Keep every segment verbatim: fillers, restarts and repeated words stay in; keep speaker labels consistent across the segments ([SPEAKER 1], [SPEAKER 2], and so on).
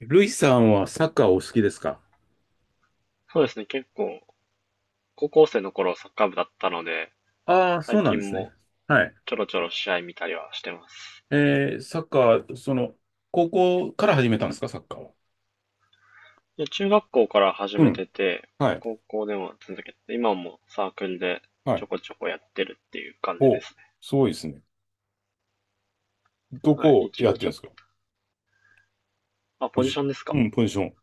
[SPEAKER 1] ルイさんはサッカーお好きですか？
[SPEAKER 2] そうですね、結構、高校生の頃サッカー部だったので、
[SPEAKER 1] ああー、そ
[SPEAKER 2] 最
[SPEAKER 1] うなん
[SPEAKER 2] 近
[SPEAKER 1] ですね。
[SPEAKER 2] も
[SPEAKER 1] はい。
[SPEAKER 2] ちょろちょろ試合見たりはしてます。
[SPEAKER 1] えー、サッカー、その、高校から始めたんですか、サッカーは？
[SPEAKER 2] で、中学校から始
[SPEAKER 1] う
[SPEAKER 2] め
[SPEAKER 1] ん。
[SPEAKER 2] てて、
[SPEAKER 1] はい。
[SPEAKER 2] 高校でも続けて、今もサークルで
[SPEAKER 1] は
[SPEAKER 2] ちょ
[SPEAKER 1] い。
[SPEAKER 2] こちょこやってるっていう感じで
[SPEAKER 1] お、
[SPEAKER 2] すね。
[SPEAKER 1] すごいですね。ど
[SPEAKER 2] は
[SPEAKER 1] こ
[SPEAKER 2] い、
[SPEAKER 1] を
[SPEAKER 2] 一
[SPEAKER 1] やっ
[SPEAKER 2] 応
[SPEAKER 1] て
[SPEAKER 2] ち
[SPEAKER 1] る
[SPEAKER 2] ょ
[SPEAKER 1] んで
[SPEAKER 2] っと、
[SPEAKER 1] すか？
[SPEAKER 2] あ、
[SPEAKER 1] ポ
[SPEAKER 2] ポ
[SPEAKER 1] ジ
[SPEAKER 2] ジシ
[SPEAKER 1] シ
[SPEAKER 2] ョンです
[SPEAKER 1] ョン。う
[SPEAKER 2] か？
[SPEAKER 1] ん、ポジション。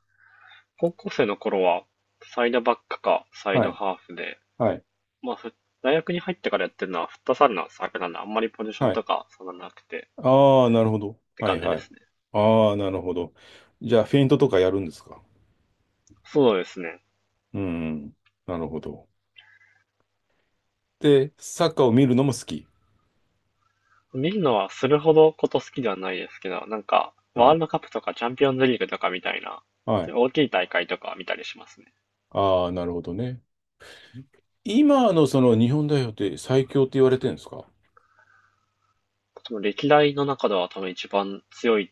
[SPEAKER 2] 高校生の頃は、サイドバックかサイ
[SPEAKER 1] は
[SPEAKER 2] ド
[SPEAKER 1] い。
[SPEAKER 2] ハーフで、
[SPEAKER 1] はい。
[SPEAKER 2] まあ、ふ大学に入ってからやってるのはフットサルのサークルなんで、あんまりポジション
[SPEAKER 1] はい。
[SPEAKER 2] とかそんななくて
[SPEAKER 1] ああ、なるほど。
[SPEAKER 2] って
[SPEAKER 1] は
[SPEAKER 2] 感
[SPEAKER 1] い
[SPEAKER 2] じで
[SPEAKER 1] はい。
[SPEAKER 2] すね。
[SPEAKER 1] ああ、なるほど。じゃあ、フェイントとかやるんですか？
[SPEAKER 2] そうですね。
[SPEAKER 1] うん。なるほど。で、サッカーを見るのも好き？
[SPEAKER 2] 見るのはするほどこと好きではないですけど、なんか、ワ
[SPEAKER 1] は
[SPEAKER 2] ール
[SPEAKER 1] い。
[SPEAKER 2] ドカップとかチャンピオンズリーグとかみたいな、
[SPEAKER 1] は
[SPEAKER 2] そ
[SPEAKER 1] い。
[SPEAKER 2] ういう大きい大会とかは見たりしますね。
[SPEAKER 1] ああ、なるほどね。今のその日本代表って最強って言われてるんですか？
[SPEAKER 2] 多の歴代の中では多分一番強いっ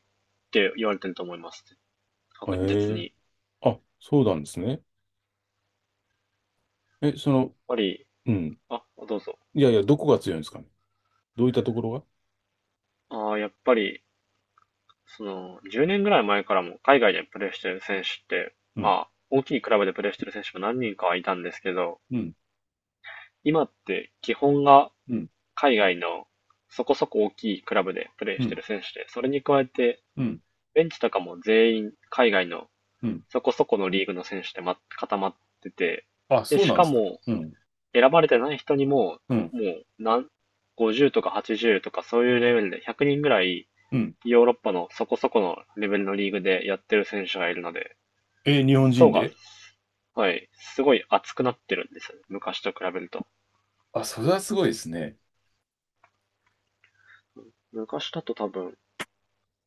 [SPEAKER 2] て言われてると思います。
[SPEAKER 1] え
[SPEAKER 2] 確実に。や
[SPEAKER 1] え。
[SPEAKER 2] っ
[SPEAKER 1] あ、そうなんですね。え、その、
[SPEAKER 2] ぱり、
[SPEAKER 1] うん。
[SPEAKER 2] あ、どうぞ。
[SPEAKER 1] いやいや、どこが強いんですかね。どういったところが。
[SPEAKER 2] あーやっぱり、その、じゅうねんぐらい前からも海外でプレーしてる選手って、
[SPEAKER 1] うん、
[SPEAKER 2] まあ、大きいクラブでプレーしてる選手も何人かはいたんですけど、
[SPEAKER 1] うん、
[SPEAKER 2] 今って基本が
[SPEAKER 1] うん、
[SPEAKER 2] 海外のそこそこ大きいクラブでプレー
[SPEAKER 1] う
[SPEAKER 2] して
[SPEAKER 1] ん、
[SPEAKER 2] る選手で、それに加えて
[SPEAKER 1] うん、
[SPEAKER 2] ベンチとかも全員海外の
[SPEAKER 1] うん。
[SPEAKER 2] そこそこのリーグの選手でま固まってて、
[SPEAKER 1] あ、
[SPEAKER 2] で、
[SPEAKER 1] そう
[SPEAKER 2] し
[SPEAKER 1] なん
[SPEAKER 2] か
[SPEAKER 1] ですか。
[SPEAKER 2] も
[SPEAKER 1] うん、
[SPEAKER 2] 選ばれてない人にも、
[SPEAKER 1] うん、
[SPEAKER 2] もう何、ごじゅうとかはちじゅうとかそういうレベルでひゃくにんぐらい
[SPEAKER 1] うん。
[SPEAKER 2] ヨーロッパのそこそこのレベルのリーグでやってる選手がいるので、
[SPEAKER 1] え、日本
[SPEAKER 2] 層
[SPEAKER 1] 人
[SPEAKER 2] が、
[SPEAKER 1] で。
[SPEAKER 2] はい、すごい厚くなってるんですよね。昔と比べると。
[SPEAKER 1] あ、それはすごいですね。
[SPEAKER 2] 昔だと多分、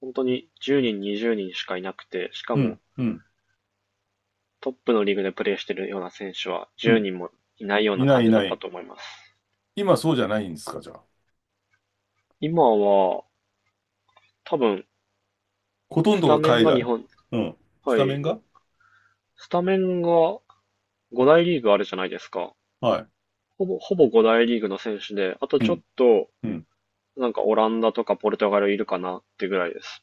[SPEAKER 2] 本当にじゅうにん、にじゅうにんしかいなくて、しか
[SPEAKER 1] う
[SPEAKER 2] も
[SPEAKER 1] ん、うん、
[SPEAKER 2] トップのリーグでプレーしてるような選手は
[SPEAKER 1] う
[SPEAKER 2] 10
[SPEAKER 1] ん。
[SPEAKER 2] 人もいないよう
[SPEAKER 1] い
[SPEAKER 2] な
[SPEAKER 1] な
[SPEAKER 2] 感
[SPEAKER 1] いい
[SPEAKER 2] じだ
[SPEAKER 1] な
[SPEAKER 2] った
[SPEAKER 1] い。
[SPEAKER 2] と思います。
[SPEAKER 1] 今そうじゃないんですか、じゃあ？
[SPEAKER 2] 今は、多分、
[SPEAKER 1] ほとん
[SPEAKER 2] ス
[SPEAKER 1] ど
[SPEAKER 2] タ
[SPEAKER 1] が
[SPEAKER 2] メン
[SPEAKER 1] 海
[SPEAKER 2] が日
[SPEAKER 1] 外。
[SPEAKER 2] 本、
[SPEAKER 1] うん。ス
[SPEAKER 2] は
[SPEAKER 1] タメ
[SPEAKER 2] い、
[SPEAKER 1] ンが。
[SPEAKER 2] スタメンがご大リーグあるじゃないですか。
[SPEAKER 1] はい。
[SPEAKER 2] ほぼ、ほぼご大リーグの選手で、あと
[SPEAKER 1] う
[SPEAKER 2] ちょっ
[SPEAKER 1] ん、
[SPEAKER 2] と、
[SPEAKER 1] うん。
[SPEAKER 2] なんかオランダとかポルトガルいるかなってぐらいです。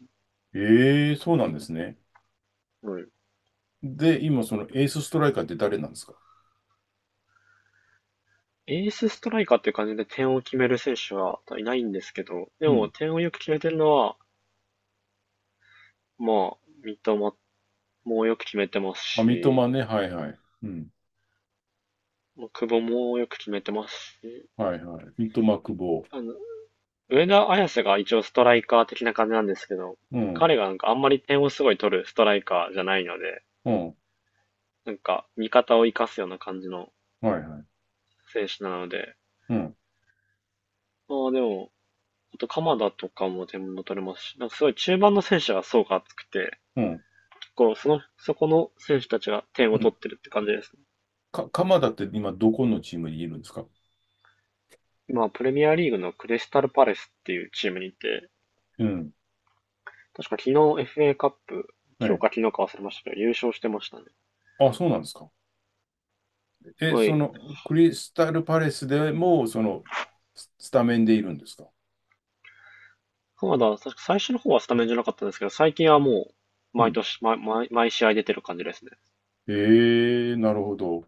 [SPEAKER 1] ええ、そうなんですね。
[SPEAKER 2] うん。
[SPEAKER 1] で、今そのエースストライカーって誰なんですか？
[SPEAKER 2] エースストライカーっていう感じで点を決める選手はいないんですけど、で
[SPEAKER 1] う
[SPEAKER 2] も
[SPEAKER 1] ん。
[SPEAKER 2] 点をよく決めてるのは、まあ、三笘もよく決めてます
[SPEAKER 1] あ、三笘
[SPEAKER 2] し、
[SPEAKER 1] ね。はいはい。うん。
[SPEAKER 2] まあ久保もよく決めてますし、
[SPEAKER 1] はいはい。三笘久保。
[SPEAKER 2] あの、上田綺世が一応ストライカー的な感じなんですけど、
[SPEAKER 1] うん。
[SPEAKER 2] 彼がなんかあんまり点をすごい取るストライカーじゃないので、
[SPEAKER 1] うん。
[SPEAKER 2] なんか味方を生かすような感じの
[SPEAKER 1] はいはい。
[SPEAKER 2] 選手なので、
[SPEAKER 1] うん。
[SPEAKER 2] まあでも、あと鎌田とかも点も取れますし、なんかすごい中盤の選手が層が厚くて、
[SPEAKER 1] うん。
[SPEAKER 2] 結構その、そこの選手たちが点
[SPEAKER 1] う
[SPEAKER 2] を取
[SPEAKER 1] ん。
[SPEAKER 2] ってるって感じですね。
[SPEAKER 1] か、鎌田って今どこのチームにいるんですか？
[SPEAKER 2] 今、プレミアリーグのクリスタルパレスっていうチームにいて、
[SPEAKER 1] うん。
[SPEAKER 2] 確か昨日 エフエー カップ、
[SPEAKER 1] は
[SPEAKER 2] 今日
[SPEAKER 1] い。
[SPEAKER 2] か昨日か忘れましたけど、優勝してましたね。
[SPEAKER 1] あ、そうなんですか。え、
[SPEAKER 2] は
[SPEAKER 1] そ
[SPEAKER 2] い。
[SPEAKER 1] の、クリスタルパレスでも、その、ススタメンでいるんですか？
[SPEAKER 2] そ田だ、確か最初の方はスタメンじゃなかったんですけど、最近はもう、
[SPEAKER 1] う
[SPEAKER 2] 毎
[SPEAKER 1] ん。
[SPEAKER 2] 年、毎、毎毎試合出てる感じですね。
[SPEAKER 1] えー、なるほど。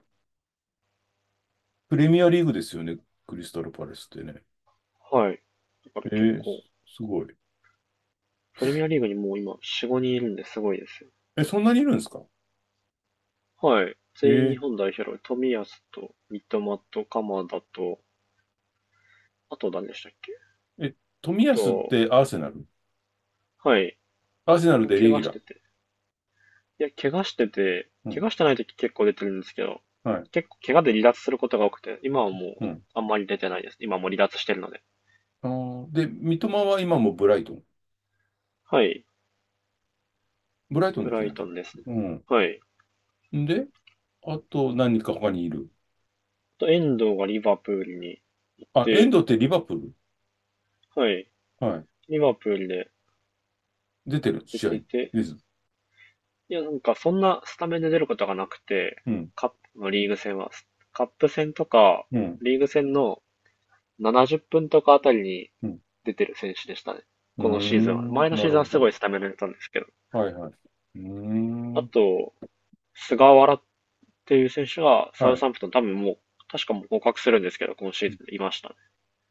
[SPEAKER 1] プレミアリーグですよね。クリスタルパレスってね。
[SPEAKER 2] はい。だから結
[SPEAKER 1] ええ、
[SPEAKER 2] 構、
[SPEAKER 1] すごい。
[SPEAKER 2] プレミアリーグにもう今、よん、ごにんいるんですごいですよ。
[SPEAKER 1] え、そんなにいるんですか？
[SPEAKER 2] はい。全員日
[SPEAKER 1] え
[SPEAKER 2] 本代表の冨安と、三笘と、鎌田と、あと何でしたっけ、
[SPEAKER 1] ー、え、冨
[SPEAKER 2] あ
[SPEAKER 1] 安っ
[SPEAKER 2] と、
[SPEAKER 1] てアーセナル。
[SPEAKER 2] はい。
[SPEAKER 1] アーセナ
[SPEAKER 2] あん
[SPEAKER 1] ル
[SPEAKER 2] ま
[SPEAKER 1] で
[SPEAKER 2] 怪
[SPEAKER 1] レギ
[SPEAKER 2] 我
[SPEAKER 1] ュ
[SPEAKER 2] し
[SPEAKER 1] ラ
[SPEAKER 2] て
[SPEAKER 1] ー。
[SPEAKER 2] て。いや、怪我してて、
[SPEAKER 1] う
[SPEAKER 2] 怪
[SPEAKER 1] ん。
[SPEAKER 2] 我してない時結構出てるんですけど、
[SPEAKER 1] はい。
[SPEAKER 2] 結構怪我で離脱することが多くて、今はも
[SPEAKER 1] う
[SPEAKER 2] う、
[SPEAKER 1] ん。
[SPEAKER 2] あんまり出てないです。今はもう離脱してるので。
[SPEAKER 1] あー、で、三笘は今もブライトン。
[SPEAKER 2] はい。
[SPEAKER 1] ブライトン
[SPEAKER 2] ブ
[SPEAKER 1] です
[SPEAKER 2] ラ
[SPEAKER 1] よ
[SPEAKER 2] イ
[SPEAKER 1] ね、
[SPEAKER 2] ト
[SPEAKER 1] 確
[SPEAKER 2] ン
[SPEAKER 1] か。
[SPEAKER 2] ですね。
[SPEAKER 1] うん。
[SPEAKER 2] はい。
[SPEAKER 1] んで、あと何人か他にいる。
[SPEAKER 2] と遠藤がリバプールに行っ
[SPEAKER 1] あ、エン
[SPEAKER 2] て、
[SPEAKER 1] ドってリバプール。
[SPEAKER 2] はい、
[SPEAKER 1] はい。
[SPEAKER 2] リバプールで
[SPEAKER 1] 出てる、
[SPEAKER 2] 出
[SPEAKER 1] 試合
[SPEAKER 2] て
[SPEAKER 1] に？
[SPEAKER 2] て、
[SPEAKER 1] です。
[SPEAKER 2] いや、なんかそんなスタメンで出ることがなくて、
[SPEAKER 1] うん。
[SPEAKER 2] カップのリーグ戦は、カップ戦とか、
[SPEAKER 1] うん。
[SPEAKER 2] リーグ戦のななじゅっぷんとかあたりに
[SPEAKER 1] うん。
[SPEAKER 2] 出てる選手でしたね。
[SPEAKER 1] うー
[SPEAKER 2] このシーズンは。
[SPEAKER 1] ん。
[SPEAKER 2] 前の
[SPEAKER 1] な
[SPEAKER 2] シ
[SPEAKER 1] る
[SPEAKER 2] ーズンは
[SPEAKER 1] ほ
[SPEAKER 2] すごい
[SPEAKER 1] ど。
[SPEAKER 2] スタメンで出たんですけど。
[SPEAKER 1] はいはい。うー
[SPEAKER 2] あ
[SPEAKER 1] ん。
[SPEAKER 2] と、菅原っていう選手がサ
[SPEAKER 1] は
[SPEAKER 2] ウ
[SPEAKER 1] い。
[SPEAKER 2] サンプトン多分もう、確かもう合格するんですけど、今シーズンいましたね。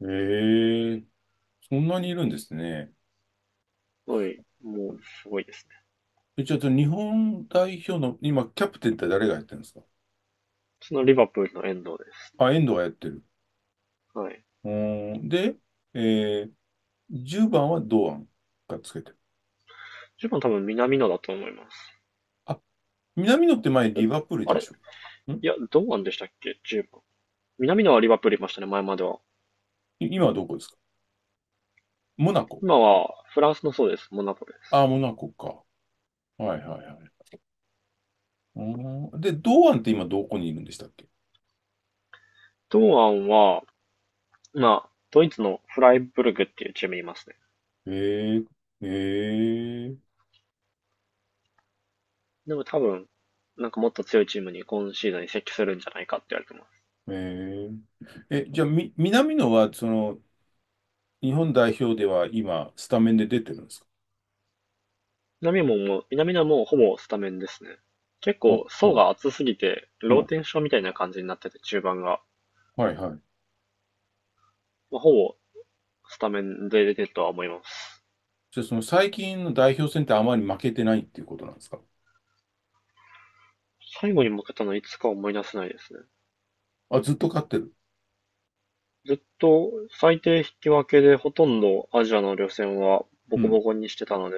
[SPEAKER 1] ええ、そんなにいるんですね。
[SPEAKER 2] はい、もうすごいですね。
[SPEAKER 1] え、ちょっと日本代表の、今、キャプテンって誰がやってるんですか？
[SPEAKER 2] そのリバプールの遠藤ですね。
[SPEAKER 1] あ、遠藤がやってる。
[SPEAKER 2] はい。
[SPEAKER 1] うーん。で、えー、じゅうばんは堂安がつけてる。
[SPEAKER 2] じゅうばん多分南野だと思います。
[SPEAKER 1] あ、南野って前リバプールい
[SPEAKER 2] あ
[SPEAKER 1] たで
[SPEAKER 2] れ、
[SPEAKER 1] し
[SPEAKER 2] い
[SPEAKER 1] ょ？ん。
[SPEAKER 2] や、堂安でしたっけ？ じゅう 番。南野はリバプールいましたね、前までは。
[SPEAKER 1] 今はどこですか？モナコ。
[SPEAKER 2] 今はフランスのそうです。モナコで
[SPEAKER 1] あ
[SPEAKER 2] す。
[SPEAKER 1] あ、モナコか。はいはいはい。うーん、で、堂安って今どこにいるんでしたっけ？
[SPEAKER 2] 堂安は、まあ、ドイツのフライブルグっていうチームにいますね。
[SPEAKER 1] へえ、へえ、
[SPEAKER 2] でも多分、なんかもっと強いチームに今シーズンに移籍するんじゃないかって言われてます。
[SPEAKER 1] へえ。え、じゃあ、み、南野は、その、日本代表では今、スタメンで出てるんですか？
[SPEAKER 2] 南野も南野もほぼスタメンですね。結
[SPEAKER 1] あ、
[SPEAKER 2] 構
[SPEAKER 1] う
[SPEAKER 2] 層
[SPEAKER 1] ん、
[SPEAKER 2] が厚すぎて、
[SPEAKER 1] う
[SPEAKER 2] ロー
[SPEAKER 1] ん。
[SPEAKER 2] テンションみたいな感じになってて、中盤が。
[SPEAKER 1] はいはい。
[SPEAKER 2] まあ、ほぼスタメンで出てるとは思います。
[SPEAKER 1] じゃあ、その最近の代表戦ってあまり負けてないっていうことなんですか？
[SPEAKER 2] 最後に負けたのいつか思い出せないですね。
[SPEAKER 1] あ、ずっと勝ってる。
[SPEAKER 2] ずっと最低引き分けでほとんどアジアの予選はボ
[SPEAKER 1] う
[SPEAKER 2] コ
[SPEAKER 1] ん。
[SPEAKER 2] ボコにしてたので、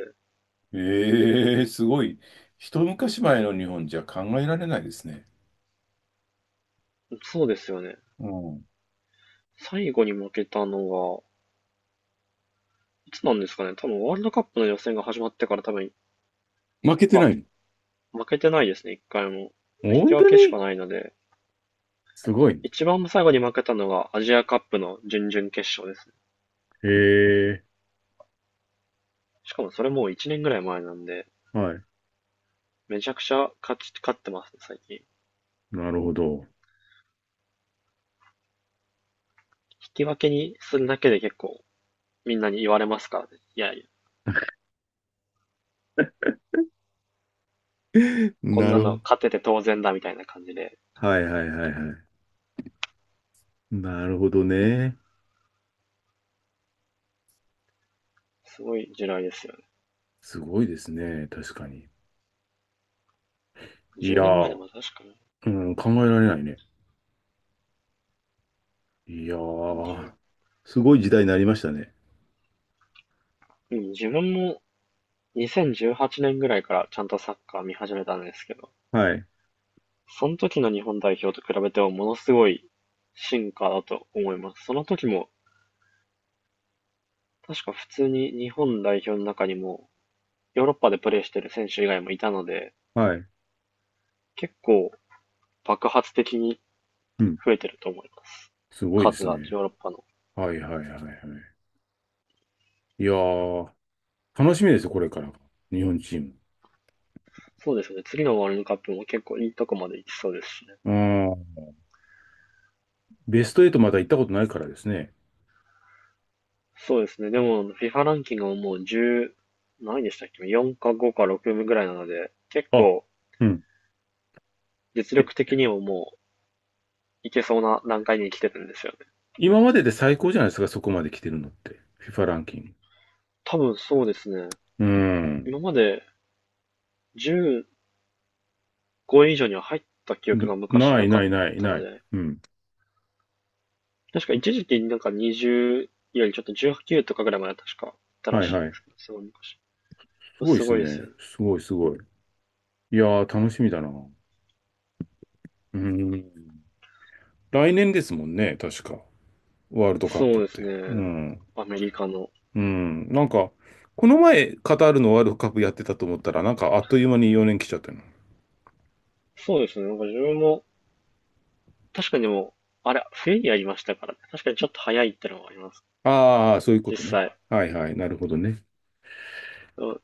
[SPEAKER 1] ええ、すごい。一昔前の日本じゃ考えられないですね。
[SPEAKER 2] そうですよね。
[SPEAKER 1] うん。
[SPEAKER 2] 最後に負けたのが、いつなんですかね。多分ワールドカップの予選が始まってから多分、
[SPEAKER 1] 負けて
[SPEAKER 2] あ、
[SPEAKER 1] ないの？
[SPEAKER 2] 負けてないですね、一回も。引き
[SPEAKER 1] 本
[SPEAKER 2] 分
[SPEAKER 1] 当
[SPEAKER 2] けしか
[SPEAKER 1] に
[SPEAKER 2] ないので、
[SPEAKER 1] すごい。
[SPEAKER 2] 一番最後に負けたのがアジアカップの準々決勝ですね。
[SPEAKER 1] へえ、
[SPEAKER 2] しかもそれもういちねんぐらい前なんで、
[SPEAKER 1] はい。
[SPEAKER 2] めちゃくちゃ勝ち、勝ってますね、最近。引
[SPEAKER 1] なるほど。
[SPEAKER 2] き分けにするだけで結構みんなに言われますからね。いやいや、こん
[SPEAKER 1] な
[SPEAKER 2] な
[SPEAKER 1] るほ
[SPEAKER 2] の
[SPEAKER 1] ど。
[SPEAKER 2] 勝てて当然だみたいな感じで。
[SPEAKER 1] はいはいはいはい。なるほどね。
[SPEAKER 2] すごい時代ですよね。
[SPEAKER 1] すごいですね、確かに。い
[SPEAKER 2] 10
[SPEAKER 1] や
[SPEAKER 2] 年前で
[SPEAKER 1] ー、
[SPEAKER 2] も確か
[SPEAKER 1] うん、考えられないね。いや
[SPEAKER 2] に。
[SPEAKER 1] ー、すごい時代になりましたね。
[SPEAKER 2] うん、自分もにせんじゅうはちねんぐらいからちゃんとサッカー見始めたんですけど、
[SPEAKER 1] はい、
[SPEAKER 2] その時の日本代表と比べてもものすごい進化だと思います。その時も確か普通に日本代表の中にもヨーロッパでプレーしてる選手以外もいたので、
[SPEAKER 1] はい。
[SPEAKER 2] 結構爆発的に
[SPEAKER 1] うん、
[SPEAKER 2] 増えてると思います。
[SPEAKER 1] すごいで
[SPEAKER 2] 数
[SPEAKER 1] すね。
[SPEAKER 2] はヨーロッパの。
[SPEAKER 1] はいはいはいはい。いやー、楽しみですよ、これから日本チーム。
[SPEAKER 2] そうですね。次のワールドカップも結構いいとこまで行きそうですしね。
[SPEAKER 1] うん、ベストエイトまだ行ったことないからですね。
[SPEAKER 2] そうですね。でも、フィファ ランキングももうじゅう、何位でしたっけ？ よん かごかろくぐらいなので、結
[SPEAKER 1] あ、
[SPEAKER 2] 構
[SPEAKER 1] うん。
[SPEAKER 2] 実力
[SPEAKER 1] え、
[SPEAKER 2] 的にももういけそうな段階に来てるんですよね。
[SPEAKER 1] 今までで最高じゃないですか、そこまで来てるのって。FIFA ランキン
[SPEAKER 2] 多分そうですね。
[SPEAKER 1] グ。うん。
[SPEAKER 2] 今までじゅうごい以上には入った記憶
[SPEAKER 1] な
[SPEAKER 2] が昔
[SPEAKER 1] な
[SPEAKER 2] な
[SPEAKER 1] い
[SPEAKER 2] か
[SPEAKER 1] な
[SPEAKER 2] っ
[SPEAKER 1] いない
[SPEAKER 2] たの
[SPEAKER 1] ない。
[SPEAKER 2] で、
[SPEAKER 1] うん。
[SPEAKER 2] 確か一時期なんかにじゅうよりちょっとじゅうはちとかぐらいまで確かあったら
[SPEAKER 1] はい
[SPEAKER 2] しいん
[SPEAKER 1] は
[SPEAKER 2] で
[SPEAKER 1] い。
[SPEAKER 2] すけど、すごい昔。
[SPEAKER 1] すごい
[SPEAKER 2] す
[SPEAKER 1] です
[SPEAKER 2] ごいです
[SPEAKER 1] ね。
[SPEAKER 2] よね。
[SPEAKER 1] すごいすごい。いやー、楽しみだな。うん。来年ですもんね、確か。ワールドカッ
[SPEAKER 2] そ
[SPEAKER 1] プ
[SPEAKER 2] う
[SPEAKER 1] っ
[SPEAKER 2] です
[SPEAKER 1] て。う
[SPEAKER 2] ね。
[SPEAKER 1] ん。
[SPEAKER 2] アメリカの。
[SPEAKER 1] うん。なんか、この前、カタールのワールドカップやってたと思ったら、なんか、あっという間によねん来ちゃったの。
[SPEAKER 2] そうですね。なんか自分も確かにでも、あれ、冬にやりましたからね。確かにちょっと早いってのはあります。
[SPEAKER 1] ああ、そういうこ
[SPEAKER 2] 実
[SPEAKER 1] とね。
[SPEAKER 2] 際。
[SPEAKER 1] はいはい。なるほどね。
[SPEAKER 2] でも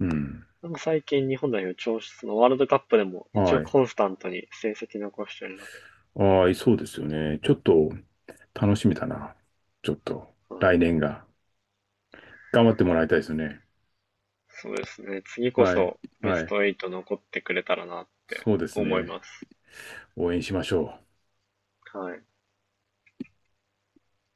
[SPEAKER 1] うん。
[SPEAKER 2] なんか最近日本代表調子、そのワールドカップでも一
[SPEAKER 1] は
[SPEAKER 2] 応
[SPEAKER 1] い。
[SPEAKER 2] コンスタントに成績残してるので、
[SPEAKER 1] ああ、そうですよね。ちょっと、楽しみだな。ちょっと、
[SPEAKER 2] は
[SPEAKER 1] 来
[SPEAKER 2] い、
[SPEAKER 1] 年が。頑張ってもらいたいですね。
[SPEAKER 2] そうですね。次こ
[SPEAKER 1] はい。
[SPEAKER 2] そベ
[SPEAKER 1] は
[SPEAKER 2] ス
[SPEAKER 1] い。
[SPEAKER 2] トエイト残ってくれたらなって
[SPEAKER 1] そうです
[SPEAKER 2] 思い
[SPEAKER 1] ね。
[SPEAKER 2] ます。
[SPEAKER 1] 応援しましょう。
[SPEAKER 2] はい。